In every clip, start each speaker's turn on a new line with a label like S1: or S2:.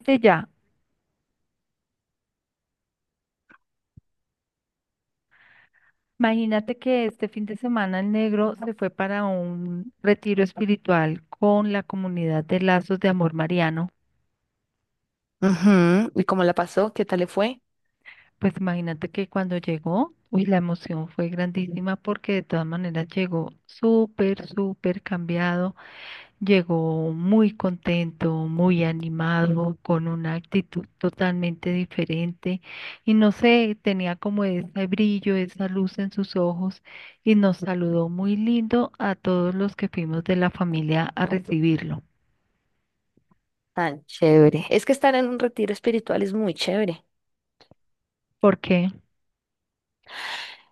S1: Este ya, Imagínate que este fin de semana el negro se fue para un retiro espiritual con la comunidad de Lazos de Amor Mariano.
S2: Ujú, ¿y cómo la pasó? ¿Qué tal le fue?
S1: Pues imagínate que cuando llegó, uy, la emoción fue grandísima porque de todas maneras llegó súper, súper cambiado, llegó muy contento, muy animado, con una actitud totalmente diferente y no sé, tenía como ese brillo, esa luz en sus ojos y nos saludó muy lindo a todos los que fuimos de la familia a recibirlo.
S2: Tan chévere. Es que estar en un retiro espiritual es muy chévere.
S1: ¿Por qué?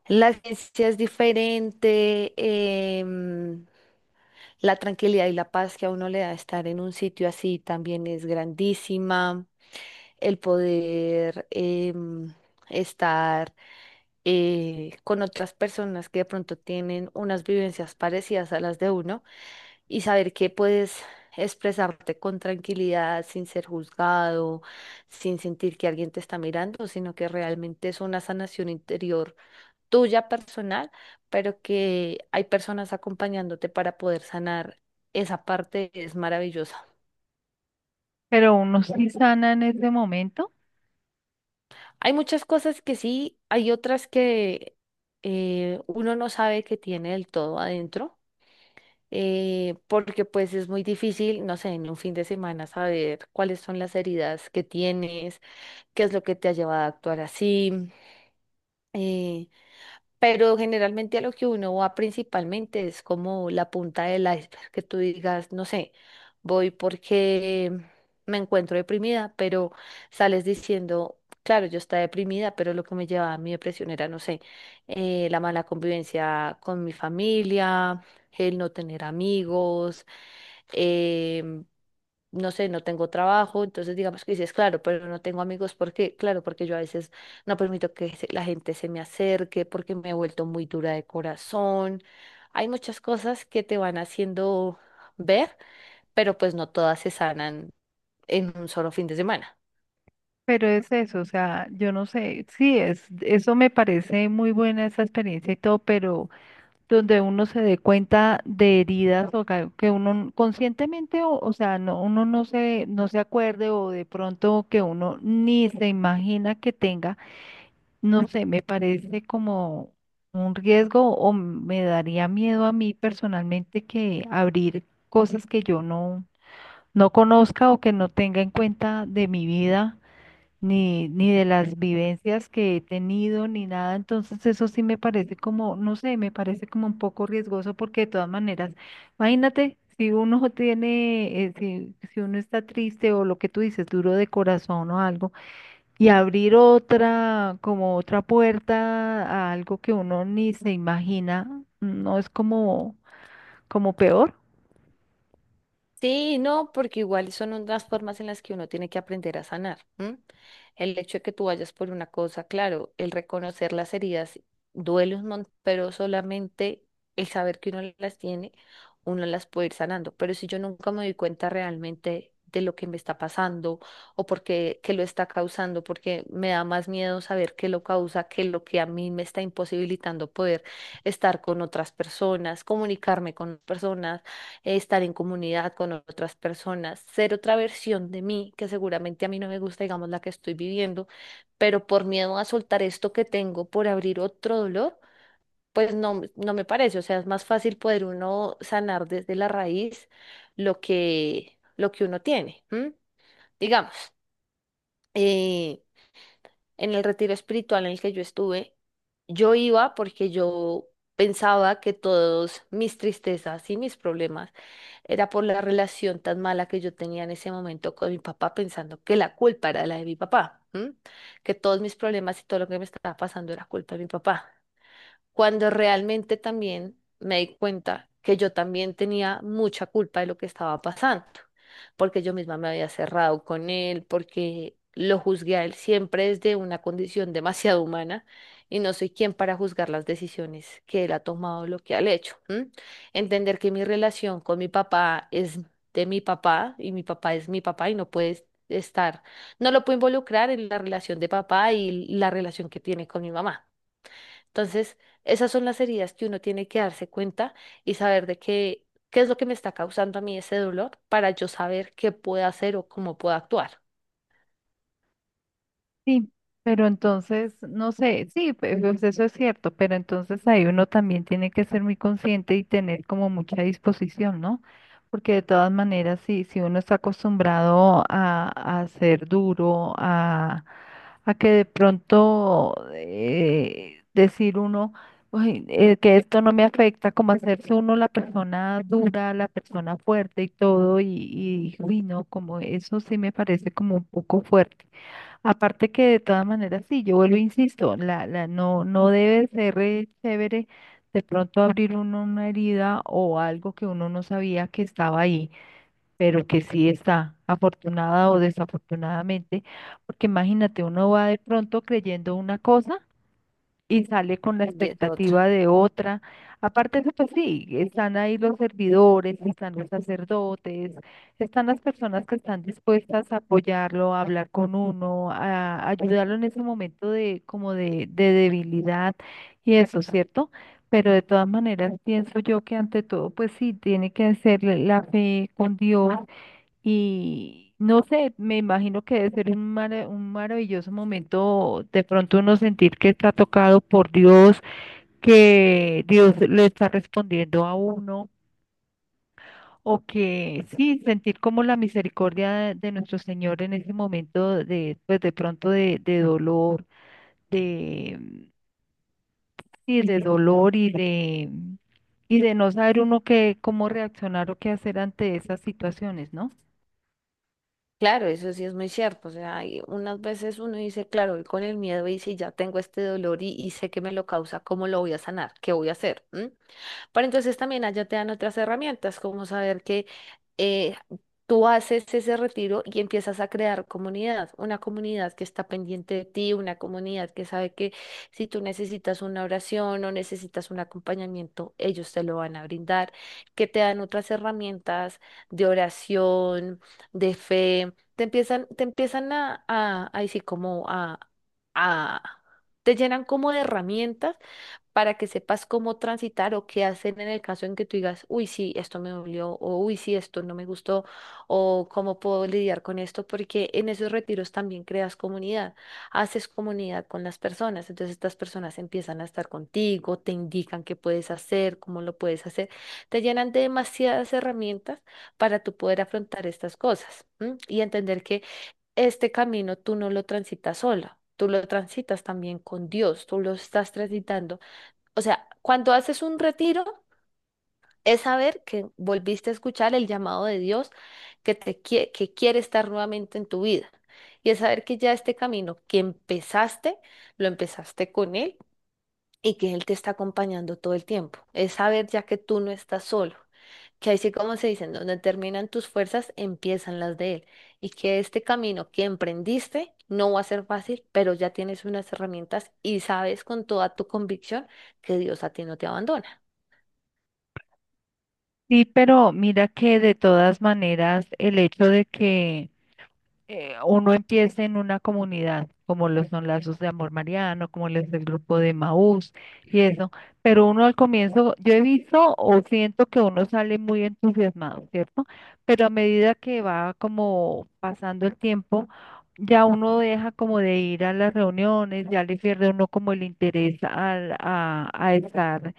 S2: La ciencia es diferente, la tranquilidad y la paz que a uno le da estar en un sitio así también es grandísima. El poder em, estar con otras personas que de pronto tienen unas vivencias parecidas a las de uno, y saber que puedes expresarte con tranquilidad, sin ser juzgado, sin sentir que alguien te está mirando, sino que realmente es una sanación interior tuya personal, pero que hay personas acompañándote para poder sanar. Esa parte es maravillosa.
S1: Pero uno sí sana en ese momento.
S2: Hay muchas cosas que sí, hay otras que uno no sabe que tiene del todo adentro, porque pues es muy difícil, no sé, en un fin de semana saber cuáles son las heridas que tienes, qué es lo que te ha llevado a actuar así. eh, pero generalmente a lo que uno va principalmente es como la punta del iceberg, que tú digas, no sé, voy porque me encuentro deprimida, pero sales diciendo, claro, yo estaba deprimida, pero lo que me llevaba a mi depresión era, no sé, la mala convivencia con mi familia, el no tener amigos, eh, no sé, no tengo trabajo, entonces digamos que dices, claro, pero no tengo amigos, ¿por qué? Claro, porque yo a veces no permito que la gente se me acerque, porque me he vuelto muy dura de corazón. Hay muchas cosas que te van haciendo ver, pero pues no todas se sanan en un solo fin de semana.
S1: Pero es eso, o sea, yo no sé, sí, eso me parece muy buena esa experiencia y todo, pero donde uno se dé cuenta de heridas o que uno conscientemente, o sea, no, uno no se acuerde o de pronto que uno ni se imagina que tenga, no sé, me parece como un riesgo o me daría miedo a mí personalmente que abrir cosas que yo no conozca o que no tenga en cuenta de mi vida ni de las vivencias que he tenido, ni nada. Entonces eso sí me parece como, no sé, me parece como un poco riesgoso porque de todas maneras, imagínate, si uno tiene, si, si uno está triste o lo que tú dices, duro de corazón o algo, y abrir otra, como otra puerta a algo que uno ni se imagina, no es como, como peor.
S2: Sí, no, porque igual son unas formas en las que uno tiene que aprender a sanar, ¿m? El hecho de que tú vayas por una cosa, claro, el reconocer las heridas duele un montón, pero solamente el saber que uno las tiene, uno las puede ir sanando. Pero si yo nunca me doy cuenta realmente de lo que me está pasando o por qué, qué lo está causando, porque me da más miedo saber qué lo causa que lo que a mí me está imposibilitando poder estar con otras personas, comunicarme con personas, estar en comunidad con otras personas, ser otra versión de mí, que seguramente a mí no me gusta, digamos, la que estoy viviendo, pero por miedo a soltar esto que tengo, por abrir otro dolor, pues no, no me parece, o sea, es más fácil poder uno sanar desde la raíz lo que uno tiene, ¿m? Digamos. eh, en el retiro espiritual en el que yo estuve, yo iba porque yo pensaba que todos mis tristezas y mis problemas era por la relación tan mala que yo tenía en ese momento con mi papá, pensando que la culpa era la de mi papá, ¿m? Que todos mis problemas y todo lo que me estaba pasando era culpa de mi papá cuando realmente también me di cuenta que yo también tenía mucha culpa de lo que estaba pasando, porque yo misma me había cerrado con él, porque lo juzgué a él siempre desde una condición demasiado humana y no soy quien para juzgar las decisiones que él ha tomado, lo que ha hecho, ¿m? Entender que mi relación con mi papá es de mi papá y mi papá es mi papá y no puede estar, no lo puedo involucrar en la relación de papá y la relación que tiene con mi mamá. Entonces, esas son las heridas que uno tiene que darse cuenta y saber de qué, qué es lo que me está causando a mí ese dolor para yo saber qué puedo hacer o cómo puedo actuar.
S1: Sí, pero entonces, no sé, sí, pues eso es cierto, pero entonces ahí uno también tiene que ser muy consciente y tener como mucha disposición, ¿no? Porque de todas maneras, sí, si uno está acostumbrado a ser duro, a que de pronto decir uno, "Uy, que esto no me afecta", como hacerse uno la persona dura, la persona fuerte y todo, y uy, no, como eso sí me parece como un poco fuerte. Aparte que de todas maneras, sí, yo vuelvo, e insisto, no, no debe ser chévere de pronto abrir uno una herida o algo que uno no sabía que estaba ahí, pero que sí está, afortunada o desafortunadamente, porque imagínate, uno va de pronto creyendo una cosa y sale con la
S2: Y es
S1: expectativa
S2: otra.
S1: de otra. Aparte de eso, pues sí, están ahí los servidores, están los sacerdotes, están las personas que están dispuestas a apoyarlo, a hablar con uno, a ayudarlo en ese momento de como de debilidad y eso, ¿cierto? Pero de todas maneras pienso yo que ante todo, pues sí, tiene que ser la fe con Dios, y no sé, me imagino que debe ser un, un maravilloso momento de pronto uno sentir que está tocado por Dios, que Dios le está respondiendo a uno, o que sí, sentir como la misericordia de nuestro Señor en ese momento de, pues de pronto de dolor, de, sí, de dolor y de no saber uno qué, cómo reaccionar o qué hacer ante esas situaciones, ¿no?
S2: Claro, eso sí es muy cierto. O sea, hay unas veces uno dice, claro, voy con el miedo y si ya tengo este dolor y sé que me lo causa, ¿cómo lo voy a sanar? ¿Qué voy a hacer? ¿Mm? Pero entonces también allá te dan otras herramientas, como saber que eh, tú haces ese retiro y empiezas a crear comunidad, una comunidad que está pendiente de ti, una comunidad que sabe que si tú necesitas una oración o necesitas un acompañamiento, ellos te lo van a brindar, que te dan otras herramientas de oración, de fe, te empiezan a, ahí sí, como a, te llenan como de herramientas para que sepas cómo transitar o qué hacer en el caso en que tú digas, uy, sí, esto me dolió, o uy, sí, esto no me gustó, o cómo puedo lidiar con esto, porque en esos retiros también creas comunidad, haces comunidad con las personas, entonces estas personas empiezan a estar contigo, te indican qué puedes hacer, cómo lo puedes hacer, te llenan de demasiadas herramientas para tú poder afrontar estas cosas, ¿m?, y entender que este camino tú no lo transitas sola. Tú lo transitas también con Dios, tú lo estás transitando, o sea, cuando haces un retiro, es saber que volviste a escuchar el llamado de Dios, que que quiere estar nuevamente en tu vida. Y es saber que ya este camino que empezaste, lo empezaste con Él y que Él te está acompañando todo el tiempo. Es saber ya que tú no estás solo, que así como se dicen, donde terminan tus fuerzas, empiezan las de Él. Y que este camino que emprendiste no va a ser fácil, pero ya tienes unas herramientas y sabes con toda tu convicción que Dios a ti no te abandona.
S1: Sí, pero mira que de todas maneras el hecho de que uno empiece en una comunidad, como lo son Lazos de Amor Mariano, como lo es el grupo de Maús y eso, pero uno al comienzo, yo he visto o siento que uno sale muy entusiasmado, ¿cierto? Pero a medida que va como pasando el tiempo, ya uno deja como de ir a las reuniones, ya le pierde uno como el interés a estar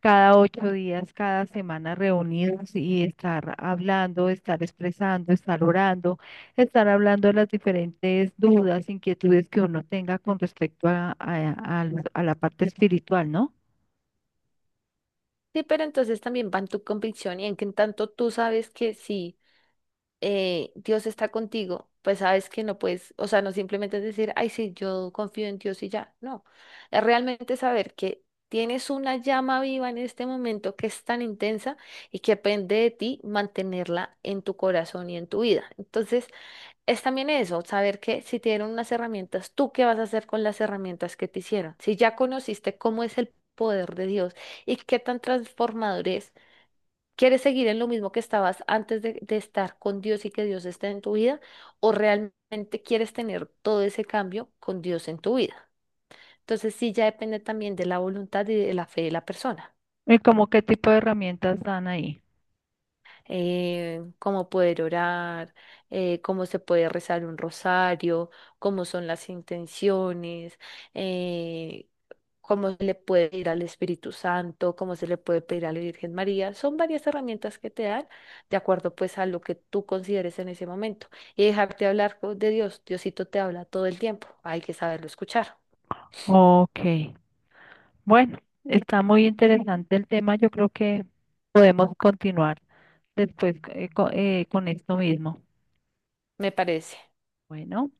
S1: cada 8 días, cada semana reunidos y estar hablando, estar expresando, estar orando, estar hablando de las diferentes dudas, inquietudes que uno tenga con respecto a a la parte espiritual, ¿no?
S2: Sí, pero entonces también va en tu convicción y en que en tanto tú sabes que sí, Dios está contigo, pues sabes que no puedes, o sea, no simplemente es decir, ay, sí, yo confío en Dios y ya, no, es realmente saber que tienes una llama viva en este momento que es tan intensa y que depende de ti mantenerla en tu corazón y en tu vida. Entonces, es también eso, saber que si te dieron unas herramientas, ¿tú qué vas a hacer con las herramientas que te hicieron? Si ya conociste cómo es el poder de Dios y qué tan transformador es, ¿quieres seguir en lo mismo que estabas antes de estar con Dios y que Dios esté en tu vida? ¿O realmente quieres tener todo ese cambio con Dios en tu vida? Entonces sí, ya depende también de la voluntad y de la fe de la persona.
S1: ¿Y como qué tipo de herramientas dan ahí?
S2: Cómo poder orar, cómo se puede rezar un rosario, cómo son las intenciones, eh, cómo se le puede pedir al Espíritu Santo, cómo se le puede pedir a la Virgen María. Son varias herramientas que te dan de acuerdo pues a lo que tú consideres en ese momento. Y dejarte hablar de Dios. Diosito te habla todo el tiempo. Hay que saberlo escuchar,
S1: Ok, bueno, está muy interesante el tema. Yo creo que podemos continuar después con esto mismo.
S2: me parece.
S1: Bueno.